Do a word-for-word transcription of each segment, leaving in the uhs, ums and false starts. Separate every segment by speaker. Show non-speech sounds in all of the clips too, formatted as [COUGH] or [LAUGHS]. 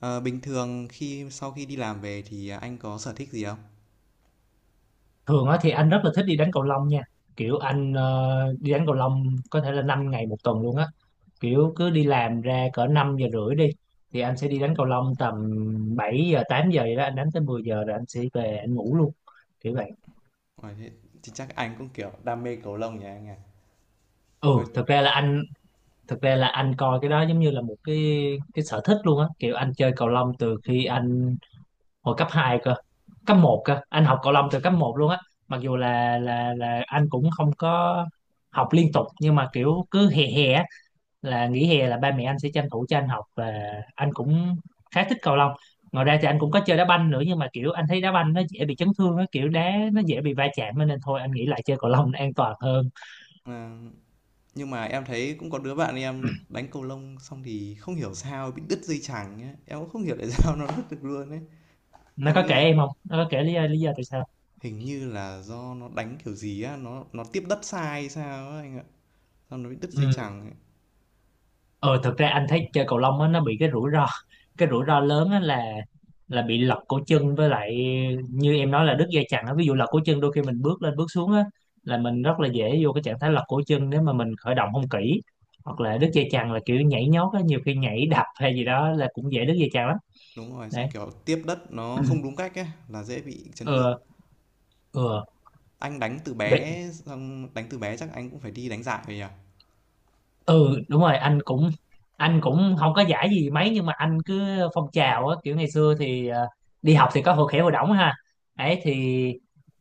Speaker 1: Ờ, Bình thường khi sau khi đi làm về thì à, anh có sở thích gì không?
Speaker 2: Thường á thì anh rất là thích đi đánh cầu lông nha. Kiểu anh ờ, đi đánh cầu lông có thể là năm ngày một tuần luôn á. Kiểu cứ đi làm ra cỡ năm giờ rưỡi đi, thì anh sẽ đi đánh cầu lông tầm bảy giờ tám giờ vậy đó, anh đánh tới mười giờ rồi anh sẽ về anh ngủ luôn, kiểu vậy.
Speaker 1: Ờ, Thế thì chắc anh cũng kiểu đam mê cầu lông nhỉ anh à.
Speaker 2: ừ
Speaker 1: Hồi
Speaker 2: thực ra là anh Thực ra là anh coi cái đó giống như là một cái cái sở thích luôn á. Kiểu anh chơi cầu lông từ khi anh hồi cấp hai cơ, cấp một cơ, anh học cầu lông từ cấp một luôn á. Mặc dù là là là anh cũng không có học liên tục, nhưng mà kiểu cứ hè hè á, là nghỉ hè là ba mẹ anh sẽ tranh thủ cho anh học, và anh cũng khá thích cầu lông. Ngoài ra thì anh cũng có chơi đá banh nữa, nhưng mà kiểu anh thấy đá banh nó dễ bị chấn thương, nó kiểu đá nó dễ bị va chạm á, nên thôi anh nghĩ lại chơi cầu lông nó an toàn hơn.
Speaker 1: ờ, nhưng mà em thấy cũng có đứa bạn em đánh cầu lông xong thì không hiểu sao bị đứt dây chằng ấy. Em cũng không hiểu tại sao [LAUGHS] nó đứt được luôn ấy.
Speaker 2: Nó
Speaker 1: Em
Speaker 2: có kể
Speaker 1: nghĩ
Speaker 2: em không, nó có kể lý do lý do tại
Speaker 1: hình như là do nó đánh kiểu gì á, nó nó tiếp đất sai sao á anh ạ. Xong nó bị đứt dây
Speaker 2: sao?
Speaker 1: chằng ấy.
Speaker 2: Ờ thật ra anh thấy chơi cầu lông á nó bị cái rủi ro, cái rủi ro lớn á là là bị lật cổ chân, với lại như em nói là đứt dây chằng á. Ví dụ lật cổ chân, đôi khi mình bước lên bước xuống á là mình rất là dễ vô cái trạng thái lật cổ chân nếu mà mình khởi động không kỹ. Hoặc là đứt dây chằng là kiểu nhảy nhót á, nhiều khi nhảy đập hay gì đó là cũng dễ đứt dây chằng lắm.
Speaker 1: Đúng rồi, xong
Speaker 2: Đấy.
Speaker 1: kiểu tiếp đất nó không đúng
Speaker 2: [CLEARS THROAT]
Speaker 1: cách ấy là dễ bị chấn thương.
Speaker 2: Ừ. Ừ.
Speaker 1: Anh đánh từ
Speaker 2: Ừ.
Speaker 1: bé xong đánh từ bé chắc anh cũng phải đi đánh giải rồi nhỉ?
Speaker 2: Ừ, đúng rồi, anh cũng anh cũng không có giải gì mấy, nhưng mà anh cứ phong trào á. Kiểu ngày xưa thì ờ, đi học thì có hội khỏe hội đỏng ha, ấy thì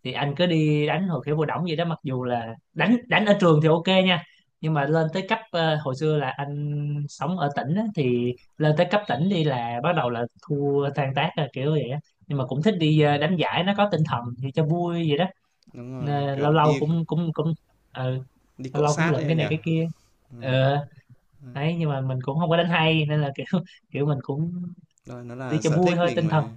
Speaker 2: thì anh cứ đi đánh hội khỏe hội đỏng vậy đó. Mặc dù là đánh đánh ở trường thì ok nha, nhưng mà lên tới cấp ờ, hồi xưa là anh sống ở tỉnh á, thì lên tới cấp tỉnh đi là bắt đầu là thua tan tác rồi, kiểu vậy á. Nhưng mà cũng thích đi ờ, đánh giải, nó có tinh thần thì cho vui vậy đó.
Speaker 1: Đúng rồi,
Speaker 2: Nên
Speaker 1: kiểu,
Speaker 2: lâu lâu
Speaker 1: đi
Speaker 2: cũng cũng cũng ờ,
Speaker 1: đi
Speaker 2: lâu
Speaker 1: cọ
Speaker 2: lâu cũng
Speaker 1: sát đấy
Speaker 2: lượm cái
Speaker 1: anh
Speaker 2: này
Speaker 1: nhỉ?
Speaker 2: cái kia.
Speaker 1: Ừm,
Speaker 2: Ờ,
Speaker 1: ừm.
Speaker 2: đấy, nhưng mà mình cũng không có đánh hay nên là kiểu [LAUGHS] kiểu mình cũng
Speaker 1: Rồi, nó
Speaker 2: đi
Speaker 1: là
Speaker 2: cho
Speaker 1: sở
Speaker 2: vui
Speaker 1: thích
Speaker 2: thôi,
Speaker 1: mình
Speaker 2: tinh thần.
Speaker 1: mà.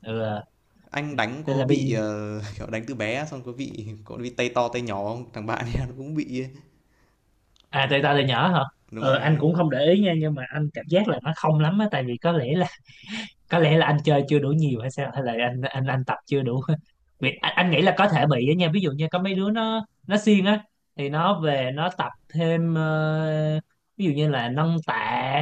Speaker 2: Ừ. À.
Speaker 1: Anh đánh
Speaker 2: Nên
Speaker 1: có
Speaker 2: là
Speaker 1: bị,
Speaker 2: bây...
Speaker 1: ờ, [LAUGHS] kiểu, đánh từ bé xong có bị có bị tay to tay nhỏ không? Thằng bạn em nó cũng bị ấy.
Speaker 2: À, tại tao là nhỏ hả?
Speaker 1: Đúng
Speaker 2: Ờ,
Speaker 1: rồi
Speaker 2: anh
Speaker 1: anh.
Speaker 2: cũng không để ý nha, nhưng mà anh cảm giác là nó không lắm á, tại vì có lẽ là có lẽ là anh chơi chưa đủ nhiều hay sao, hay là anh anh anh tập chưa đủ [LAUGHS] Vì anh, anh nghĩ là có thể bị á nha, ví dụ như có mấy đứa nó nó siêng á thì nó về nó tập thêm ờ, ví dụ như là nâng tạ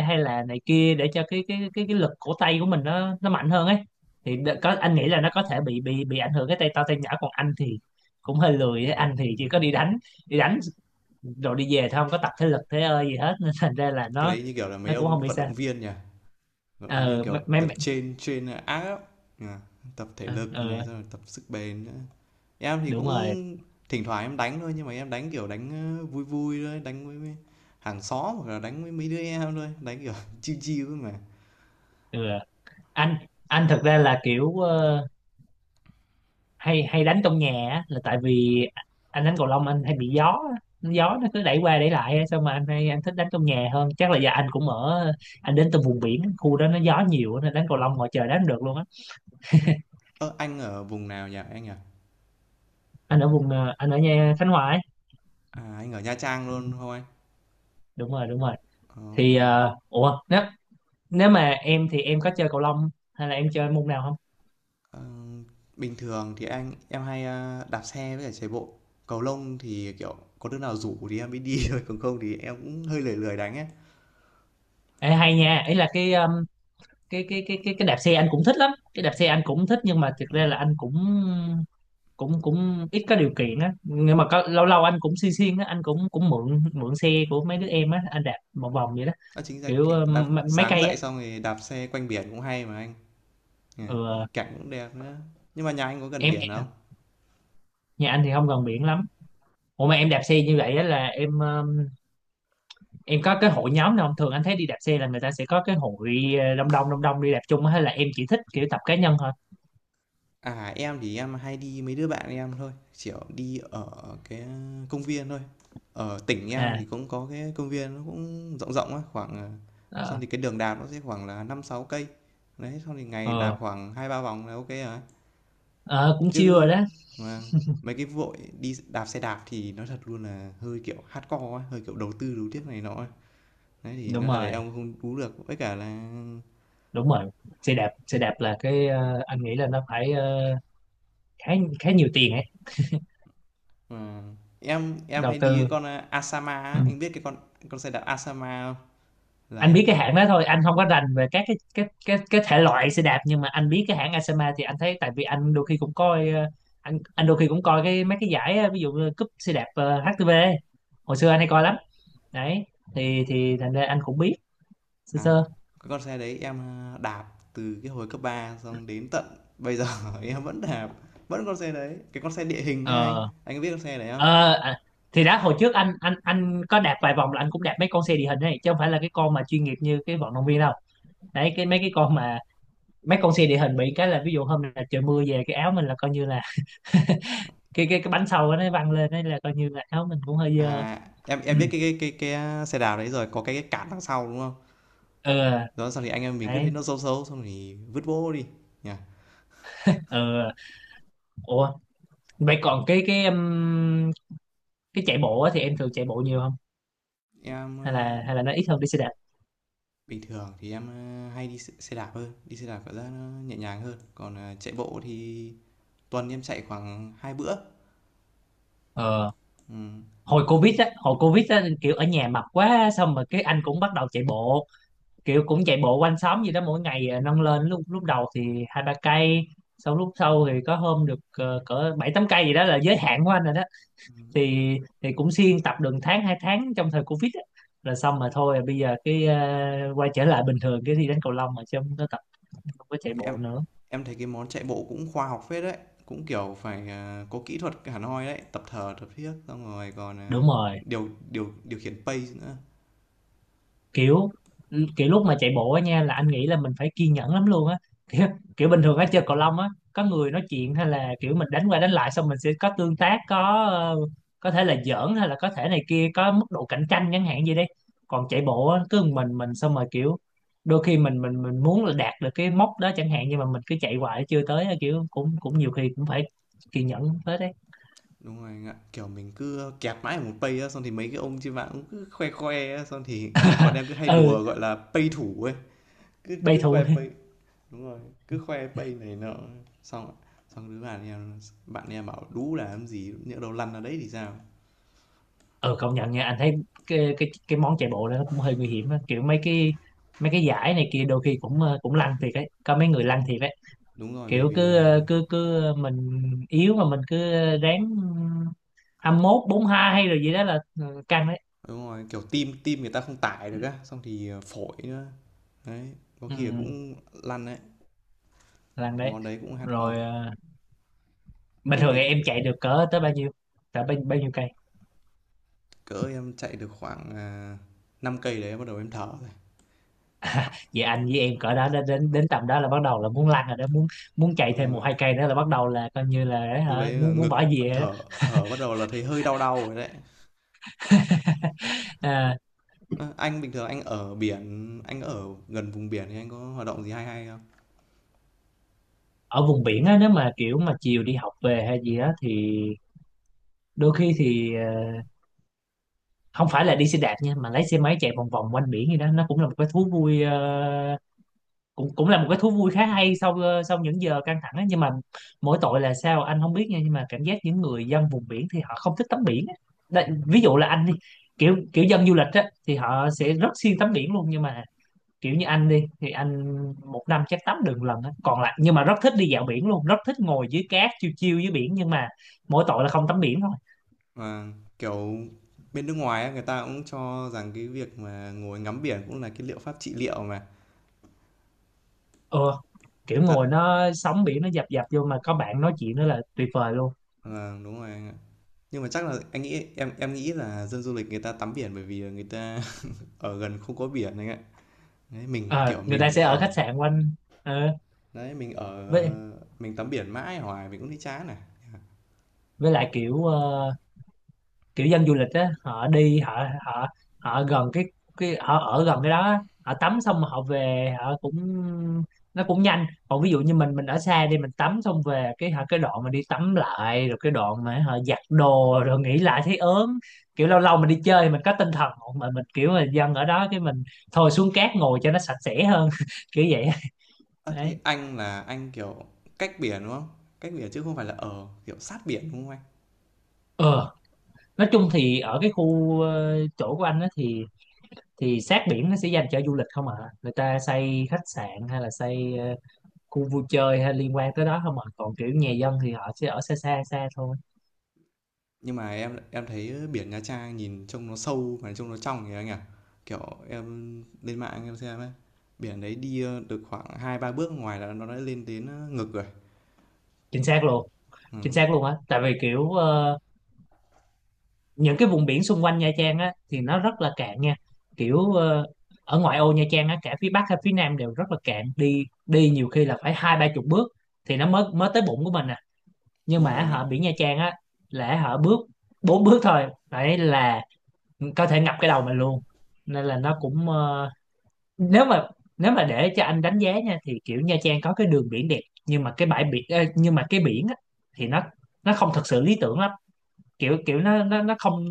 Speaker 2: hay là này kia, để cho cái cái cái cái lực cổ tay của mình nó nó mạnh hơn ấy. Thì đ- có, anh nghĩ là nó có thể bị bị bị ảnh hưởng cái tay to tay nhỏ, còn anh thì cũng hơi lười ấy. Anh thì chỉ có đi đánh đi đánh rồi đi về thôi, không có tập thể lực thế ơi gì hết [LAUGHS] nên thành ra là
Speaker 1: Cái
Speaker 2: nó
Speaker 1: đấy như kiểu là mấy
Speaker 2: nó cũng
Speaker 1: ông
Speaker 2: không bị
Speaker 1: vận
Speaker 2: sao.
Speaker 1: động viên nhỉ? Vận động viên,
Speaker 2: Ờ
Speaker 1: kiểu,
Speaker 2: mấy
Speaker 1: tập
Speaker 2: mấy
Speaker 1: trên trên áp, nhỉ? Tập thể
Speaker 2: ờ
Speaker 1: lực này,
Speaker 2: ờ,
Speaker 1: xong rồi tập sức bền nữa. Em thì
Speaker 2: Đúng
Speaker 1: cũng
Speaker 2: rồi.
Speaker 1: thỉnh thoảng em đánh thôi, nhưng mà em đánh, kiểu, đánh, ơ, vui vui thôi, đánh với với hàng xóm hoặc là đánh với mấy đứa em thôi, đánh, kiểu, [LAUGHS] chill chill thôi mà.
Speaker 2: Ừ. Anh anh thực ra là kiểu ờ, hay hay đánh trong nhà á, là tại vì anh đánh cầu lông anh hay bị gió á. Gió nó cứ đẩy qua đẩy lại á, sao mà anh hay anh thích đánh trong nhà hơn. Chắc là do anh cũng ở, anh đến từ vùng biển, khu đó nó gió nhiều á, nên đánh cầu lông ngoài trời đánh không được luôn á.
Speaker 1: Ơ, anh ở vùng nào nhỉ anh nhỉ?
Speaker 2: Anh ở vùng ờ, anh ở nhà Khánh Hòa ấy.
Speaker 1: À, anh ở Nha Trang
Speaker 2: Ừ,
Speaker 1: luôn không anh?
Speaker 2: đúng rồi, đúng rồi.
Speaker 1: Ồ,
Speaker 2: Thì ờ, ủa, nếu nếu mà em thì em có chơi cầu lông hay là em chơi môn nào không?
Speaker 1: ờ, bình thường thì anh em hay ờ, đạp xe với cả chạy bộ. Cầu lông thì kiểu có đứa nào rủ thì em mới đi [LAUGHS] thôi, còn không thì em cũng hơi lười lười đánh ấy.
Speaker 2: Ê, hay nha, ý là cái um, cái cái cái cái cái đạp xe anh cũng thích lắm, cái đạp xe anh cũng thích, nhưng mà thực
Speaker 1: Ừ.
Speaker 2: ra là anh cũng cũng cũng ít có điều kiện á, nhưng mà có, lâu lâu anh cũng xuyên xuyên á, anh cũng cũng mượn mượn xe của mấy đứa em á, anh đạp một vòng vậy đó.
Speaker 1: Đó chính ra
Speaker 2: Kiểu
Speaker 1: cái,
Speaker 2: ờ,
Speaker 1: đạp
Speaker 2: m- mấy
Speaker 1: sáng
Speaker 2: cây á.
Speaker 1: dậy xong rồi đạp xe quanh biển cũng hay mà anh. Nhỉ,
Speaker 2: Ừ,
Speaker 1: cảnh cũng đẹp nữa. Nhưng mà nhà anh có gần
Speaker 2: em
Speaker 1: biển
Speaker 2: em-
Speaker 1: không?
Speaker 2: nhà anh thì không gần biển lắm. Ủa mà em đạp xe như vậy á, là em ờ, em có cái hội nhóm nào không? Thường anh thấy đi đạp xe là người ta sẽ có cái hội ờ, đông đông đông đông đi đạp chung á, hay là em chỉ thích kiểu tập cá nhân thôi?
Speaker 1: À, em thì em hay đi mấy đứa bạn em thôi, kiểu đi ở cái công viên thôi. Ở tỉnh em thì
Speaker 2: À.
Speaker 1: cũng có cái công viên nó cũng rộng rộng á, khoảng ờ, xong
Speaker 2: Ờ.
Speaker 1: thì cái đường đạp nó sẽ khoảng là năm sáu cây. Đấy, sau thì ngày đạp
Speaker 2: Ờ.
Speaker 1: khoảng hai ba vòng là ok rồi.
Speaker 2: Ờ, cũng chill rồi
Speaker 1: Chứ
Speaker 2: đó.
Speaker 1: mà mấy cái vội đi đạp xe đạp thì nó thật luôn là hơi kiểu hardcore á, hơi kiểu đầu tư đấu tiếp này nọ. Á. Đấy thì
Speaker 2: Đúng
Speaker 1: nó thật là
Speaker 2: rồi,
Speaker 1: em không đú được, với cả là
Speaker 2: đúng rồi, xe đạp xe đạp là cái ờ, anh nghĩ là nó phải ờ, khá khá nhiều tiền ấy,
Speaker 1: mà em em
Speaker 2: đầu
Speaker 1: hay đi cái
Speaker 2: tư.
Speaker 1: con ờ, Asama
Speaker 2: Ừ.
Speaker 1: á, anh biết cái con con xe đạp Asama không? Là
Speaker 2: Anh
Speaker 1: em
Speaker 2: biết cái
Speaker 1: định
Speaker 2: hãng đó thôi, anh không có rành về các cái cái cái cái thể loại xe đạp, nhưng mà anh biết cái hãng Asama thì anh thấy, tại vì anh đôi khi cũng coi ờ, anh anh đôi khi cũng coi cái mấy cái giải ờ, ví dụ như cúp xe đạp ờ, hát tê vê ấy. Hồi xưa
Speaker 1: ờ,
Speaker 2: anh hay coi lắm, đấy, thì thì thành ra anh cũng biết sơ
Speaker 1: à
Speaker 2: sơ.
Speaker 1: Cái con xe đấy em đạp từ cái hồi cấp ba xong đến tận bây giờ [LAUGHS] em vẫn đạp vẫn con xe đấy, cái con xe địa hình á anh
Speaker 2: Ờ.
Speaker 1: anh có biết con xe đấy không?
Speaker 2: Ờ. À, thì đó, hồi trước anh anh anh có đạp vài vòng, là anh cũng đạp mấy con xe địa hình này chứ không phải là cái con mà chuyên nghiệp như cái vận động viên đâu. Đấy, cái mấy cái con mà mấy con xe địa hình bị cái là, ví dụ hôm nào trời mưa về, cái áo mình là coi như là cái cái cái bánh sau nó văng lên, đấy là coi như là áo mình cũng hơi dơ.
Speaker 1: À, em
Speaker 2: Ừ.
Speaker 1: em biết cái cái cái, cái xe đạp đấy rồi, có cái, cái cản đằng sau đúng không?
Speaker 2: Ừ.
Speaker 1: Đó xong thì anh em mình cứ thấy
Speaker 2: Đấy.
Speaker 1: nó xấu xấu xong thì vứt bố đi nhỉ.
Speaker 2: Ừ. Ủa, vậy còn cái cái um, cái chạy bộ á, thì em thường chạy bộ nhiều không,
Speaker 1: em
Speaker 2: hay
Speaker 1: ờ,
Speaker 2: là hay là nó ít hơn đi xe đạp?
Speaker 1: Bình thường thì em ờ, hay đi xe xe đạp hơn, đi xe đạp cảm giác nó nhẹ nhàng hơn, còn ờ, chạy bộ thì tuần em chạy khoảng hai bữa.
Speaker 2: Ờ,
Speaker 1: Ừ.
Speaker 2: hồi
Speaker 1: Cũng
Speaker 2: covid á, hồi covid á kiểu ở nhà mập quá xong rồi cái anh cũng bắt đầu chạy bộ, kiểu cũng chạy bộ quanh xóm gì đó mỗi ngày à, nâng lên, lúc lúc đầu thì hai ba cây, sau lúc sau thì có hôm được ờ, cỡ bảy tám cây gì đó là giới hạn của anh rồi đó.
Speaker 1: ừ.
Speaker 2: Thì thì cũng siêng tập được tháng hai tháng trong thời Covid á. Rồi xong mà thôi, bây giờ cái ờ, quay trở lại bình thường cái thi đánh cầu lông mà, chứ không có tập, không có chạy
Speaker 1: Em
Speaker 2: bộ nữa.
Speaker 1: em thấy cái món chạy bộ cũng khoa học phết đấy, cũng kiểu phải à, có kỹ thuật hẳn hoi đấy, tập thở, tập thiết xong rồi còn à,
Speaker 2: Đúng rồi,
Speaker 1: điều điều điều khiển pace nữa.
Speaker 2: kiểu kiểu lúc mà chạy bộ á nha, là anh nghĩ là mình phải kiên nhẫn lắm luôn á, kiểu, kiểu bình thường á chơi cầu lông á có người nói chuyện, hay là kiểu mình đánh qua đánh lại xong mình sẽ có tương tác, có ờ, có thể là giỡn hay là có thể này kia, có mức độ cạnh tranh chẳng hạn gì đấy. Còn chạy bộ á cứ một mình mình xong rồi kiểu, đôi khi mình mình mình muốn là đạt được cái mốc đó chẳng hạn, nhưng mà mình cứ chạy hoài chưa tới á, kiểu cũng cũng nhiều khi cũng phải kiên nhẫn tới đấy.
Speaker 1: Đúng rồi anh ạ, kiểu mình cứ kẹt mãi ở một pace á, xong thì mấy cái ông trên mạng cũng cứ khoe khoe á, xong thì bọn
Speaker 2: [LAUGHS]
Speaker 1: em cứ hay
Speaker 2: Ừ.
Speaker 1: đùa gọi là pace thủ ấy, cứ
Speaker 2: Bay
Speaker 1: cứ
Speaker 2: thù.
Speaker 1: khoe pace. Đúng rồi, cứ khoe pace này nọ xong xong đứa bạn em bạn em bảo đú là làm gì nhỡ đâu lăn ra đấy thì sao?
Speaker 2: Ừ, công nhận nha, anh thấy cái cái cái món chạy bộ đó nó cũng hơi nguy hiểm á. Kiểu mấy cái mấy cái giải này kia đôi khi cũng ờ, cũng lăn thiệt ấy, có mấy người lăn thiệt ấy.
Speaker 1: Đúng rồi, bởi
Speaker 2: Kiểu
Speaker 1: vì
Speaker 2: cứ
Speaker 1: là
Speaker 2: ờ, cứ cứ mình yếu mà mình cứ ráng hai mươi mốt bốn mươi hai hay rồi gì đó là ừ, căng đấy.
Speaker 1: đúng rồi, kiểu, tim tim người ta không tải được á, xong thì, ờ, phổi nữa. Đấy, có
Speaker 2: Ừ,
Speaker 1: khi là cũng lăn đấy,
Speaker 2: lăn
Speaker 1: cái
Speaker 2: đấy
Speaker 1: món đấy cũng hardcore.
Speaker 2: rồi. ờ, Bình
Speaker 1: Thế
Speaker 2: thường thì
Speaker 1: bị
Speaker 2: em chạy được cỡ tới bao nhiêu, cỡ bao, bao nhiêu cây?
Speaker 1: Cỡ em chạy được khoảng, à, năm cây đấy bắt đầu em thở rồi. Khoảng
Speaker 2: Vậy anh với em cỡ đó đến đến đến tầm đó là bắt đầu là muốn lăn rồi đó, muốn muốn chạy thêm
Speaker 1: Đúng
Speaker 2: một
Speaker 1: rồi,
Speaker 2: hai cây nữa là bắt đầu là coi như là
Speaker 1: lúc
Speaker 2: hả,
Speaker 1: đấy là
Speaker 2: muốn muốn
Speaker 1: ngực,
Speaker 2: bỏ về rồi đó.
Speaker 1: thở thở bắt đầu là thấy hơi đau đau rồi đấy.
Speaker 2: [LAUGHS]
Speaker 1: Ơ, anh bình thường anh ở biển, anh ở gần vùng biển thì anh có hoạt động gì hay hay không?
Speaker 2: Ở vùng biển á, nếu mà kiểu mà chiều đi học về hay gì á thì đôi khi thì ờ, không phải là đi xe đạp nha, mà lấy xe máy chạy vòng vòng quanh biển gì đó, nó cũng là một cái thú vui. ờ, cũng cũng là một cái thú vui khá hay sau ờ, sau những giờ căng thẳng á. Nhưng mà mỗi tội là sao anh không biết nha, nhưng mà cảm giác những người dân vùng biển thì họ không thích tắm biển á. Đây, ví dụ là anh đi, kiểu kiểu dân du lịch á thì họ sẽ rất siêng tắm biển luôn, nhưng mà kiểu như anh đi thì anh một năm chắc tắm được một lần á, còn lại nhưng mà rất thích đi dạo biển luôn, rất thích ngồi dưới cát chiêu chiêu dưới biển, nhưng mà mỗi tội là không tắm biển thôi.
Speaker 1: Mà kiểu, bên nước ngoài á, người ta cũng cho rằng cái việc mà ngồi ngắm biển cũng là cái liệu pháp trị liệu mà.
Speaker 2: Ờ, kiểu
Speaker 1: Thật,
Speaker 2: ngồi nó, sóng biển nó dập dập vô mà có bạn nói chuyện nữa là tuyệt vời luôn.
Speaker 1: vâng, đúng rồi. Nhưng mà chắc là anh nghĩ em em nghĩ là dân du lịch người ta tắm biển bởi vì người ta [LAUGHS] ở gần không có biển anh ạ. Đấy, mình
Speaker 2: Ờ,
Speaker 1: kiểu
Speaker 2: người ta
Speaker 1: mình
Speaker 2: sẽ ở khách
Speaker 1: ở
Speaker 2: sạn quanh ờ,
Speaker 1: đấy, mình ở
Speaker 2: với
Speaker 1: mình tắm biển mãi hoài mình cũng thấy chán này.
Speaker 2: với lại kiểu ờ, kiểu dân du lịch á họ đi, họ họ họ gần cái cái họ ở gần cái đó á, họ tắm xong họ về họ cũng, nó cũng nhanh. Còn ví dụ như mình mình ở xa đi, mình tắm xong về cái hả, cái đoạn mà đi tắm lại rồi cái đoạn mà họ giặt đồ rồi nghỉ lại thấy ớn. Kiểu lâu lâu mình đi chơi mình có tinh thần, mà mình kiểu là dân ở đó cái mình thôi xuống cát ngồi cho nó sạch sẽ hơn [LAUGHS] kiểu vậy á.
Speaker 1: À, thế
Speaker 2: Đấy.
Speaker 1: anh là anh kiểu cách biển đúng không? Cách biển chứ không phải là ở kiểu sát biển đúng không anh?
Speaker 2: Ờ, nói chung thì ở cái khu ờ, chỗ của anh á thì thì sát biển nó sẽ dành cho du lịch không ạ, người ta xây khách sạn hay là xây ờ, khu vui chơi hay liên quan tới đó không ạ, còn kiểu nhà dân thì họ sẽ ở xa xa xa thôi.
Speaker 1: Nhưng mà em em thấy biển Nha Trang nhìn trông nó sâu mà trông nó trong kìa anh à. Kiểu em lên mạng em xem ấy. Biển đấy đi ờ, được khoảng hai ba bước ngoài là nó đã lên đến ờ, ngực rồi.
Speaker 2: Chính xác luôn,
Speaker 1: Ừ,
Speaker 2: chính xác luôn á. Tại vì kiểu ờ, những cái vùng biển xung quanh Nha Trang á thì nó rất là cạn nha, kiểu ờ, ở ngoại ô Nha Trang á cả phía Bắc hay phía Nam đều rất là cạn, đi đi nhiều khi là phải hai ba chục bước thì nó mới mới tới bụng của mình à. Nhưng
Speaker 1: đúng rồi
Speaker 2: mà
Speaker 1: anh ạ.
Speaker 2: họ biển Nha Trang á là họ bước bốn bước thôi, đấy là có thể ngập cái đầu mình luôn. Nên là nó cũng ờ, nếu mà nếu mà để cho anh đánh giá nha thì kiểu Nha Trang có cái đường biển đẹp, nhưng mà cái bãi biển ờ, nhưng mà cái biển á, thì nó nó không thật sự lý tưởng lắm. Kiểu kiểu nó nó nó không,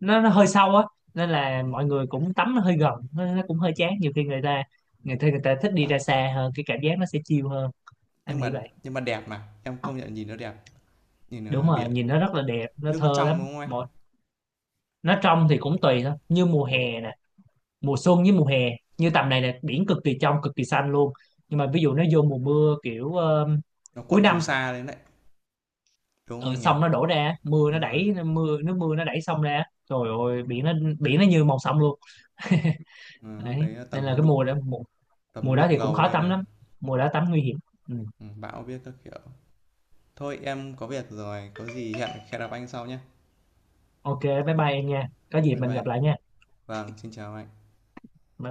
Speaker 2: nó nó hơi sâu á, nên là
Speaker 1: Ừ.
Speaker 2: mọi người cũng tắm nó hơi gần, nó, nó cũng hơi chán. Nhiều khi người ta, người ta người ta thích đi ra xa hơn, cái cảm giác nó sẽ chill hơn, anh
Speaker 1: nhưng mà
Speaker 2: nghĩ vậy.
Speaker 1: nhưng mà đẹp mà em công nhận nhìn nó đẹp, nhìn
Speaker 2: Đúng
Speaker 1: ờ,
Speaker 2: rồi,
Speaker 1: biển,
Speaker 2: nhìn nó rất là đẹp, nó
Speaker 1: nước nó
Speaker 2: thơ
Speaker 1: trong
Speaker 2: lắm
Speaker 1: đúng không anh?
Speaker 2: một. Nó trong thì cũng tùy thôi, như mùa hè, mùa xuân với mùa hè, như tầm này là biển cực kỳ trong, cực kỳ xanh luôn. Nhưng mà ví dụ nó vô mùa mưa, kiểu ờ,
Speaker 1: Nó
Speaker 2: cuối
Speaker 1: cuộn phù
Speaker 2: năm,
Speaker 1: sa lên đấy đúng không
Speaker 2: ở
Speaker 1: anh nhỉ?
Speaker 2: sông nó đổ ra, mưa nó
Speaker 1: Đúng rồi.
Speaker 2: đẩy, mưa nước mưa nó đẩy sông ra, trời ơi biển nó, biển nó như màu sông luôn. [LAUGHS]
Speaker 1: Ờ, lúc
Speaker 2: Đấy
Speaker 1: đấy
Speaker 2: nên
Speaker 1: tầm
Speaker 2: là
Speaker 1: nó
Speaker 2: cái
Speaker 1: đục,
Speaker 2: mùa đó, mùa,
Speaker 1: tầm nó
Speaker 2: mùa đó
Speaker 1: đục
Speaker 2: thì cũng
Speaker 1: ngầu
Speaker 2: khó
Speaker 1: lên
Speaker 2: tắm
Speaker 1: này.
Speaker 2: lắm, mùa đó tắm nguy hiểm. Ừ.
Speaker 1: Ừ, bão biết các kiểu. Thôi em có việc rồi, có gì hẹn hẹn gặp anh sau nhé.
Speaker 2: Ok, bye bye em nha, có dịp
Speaker 1: Bye
Speaker 2: mình
Speaker 1: bye.
Speaker 2: gặp lại nha.
Speaker 1: Vâng, xin chào anh.
Speaker 2: Bye bye.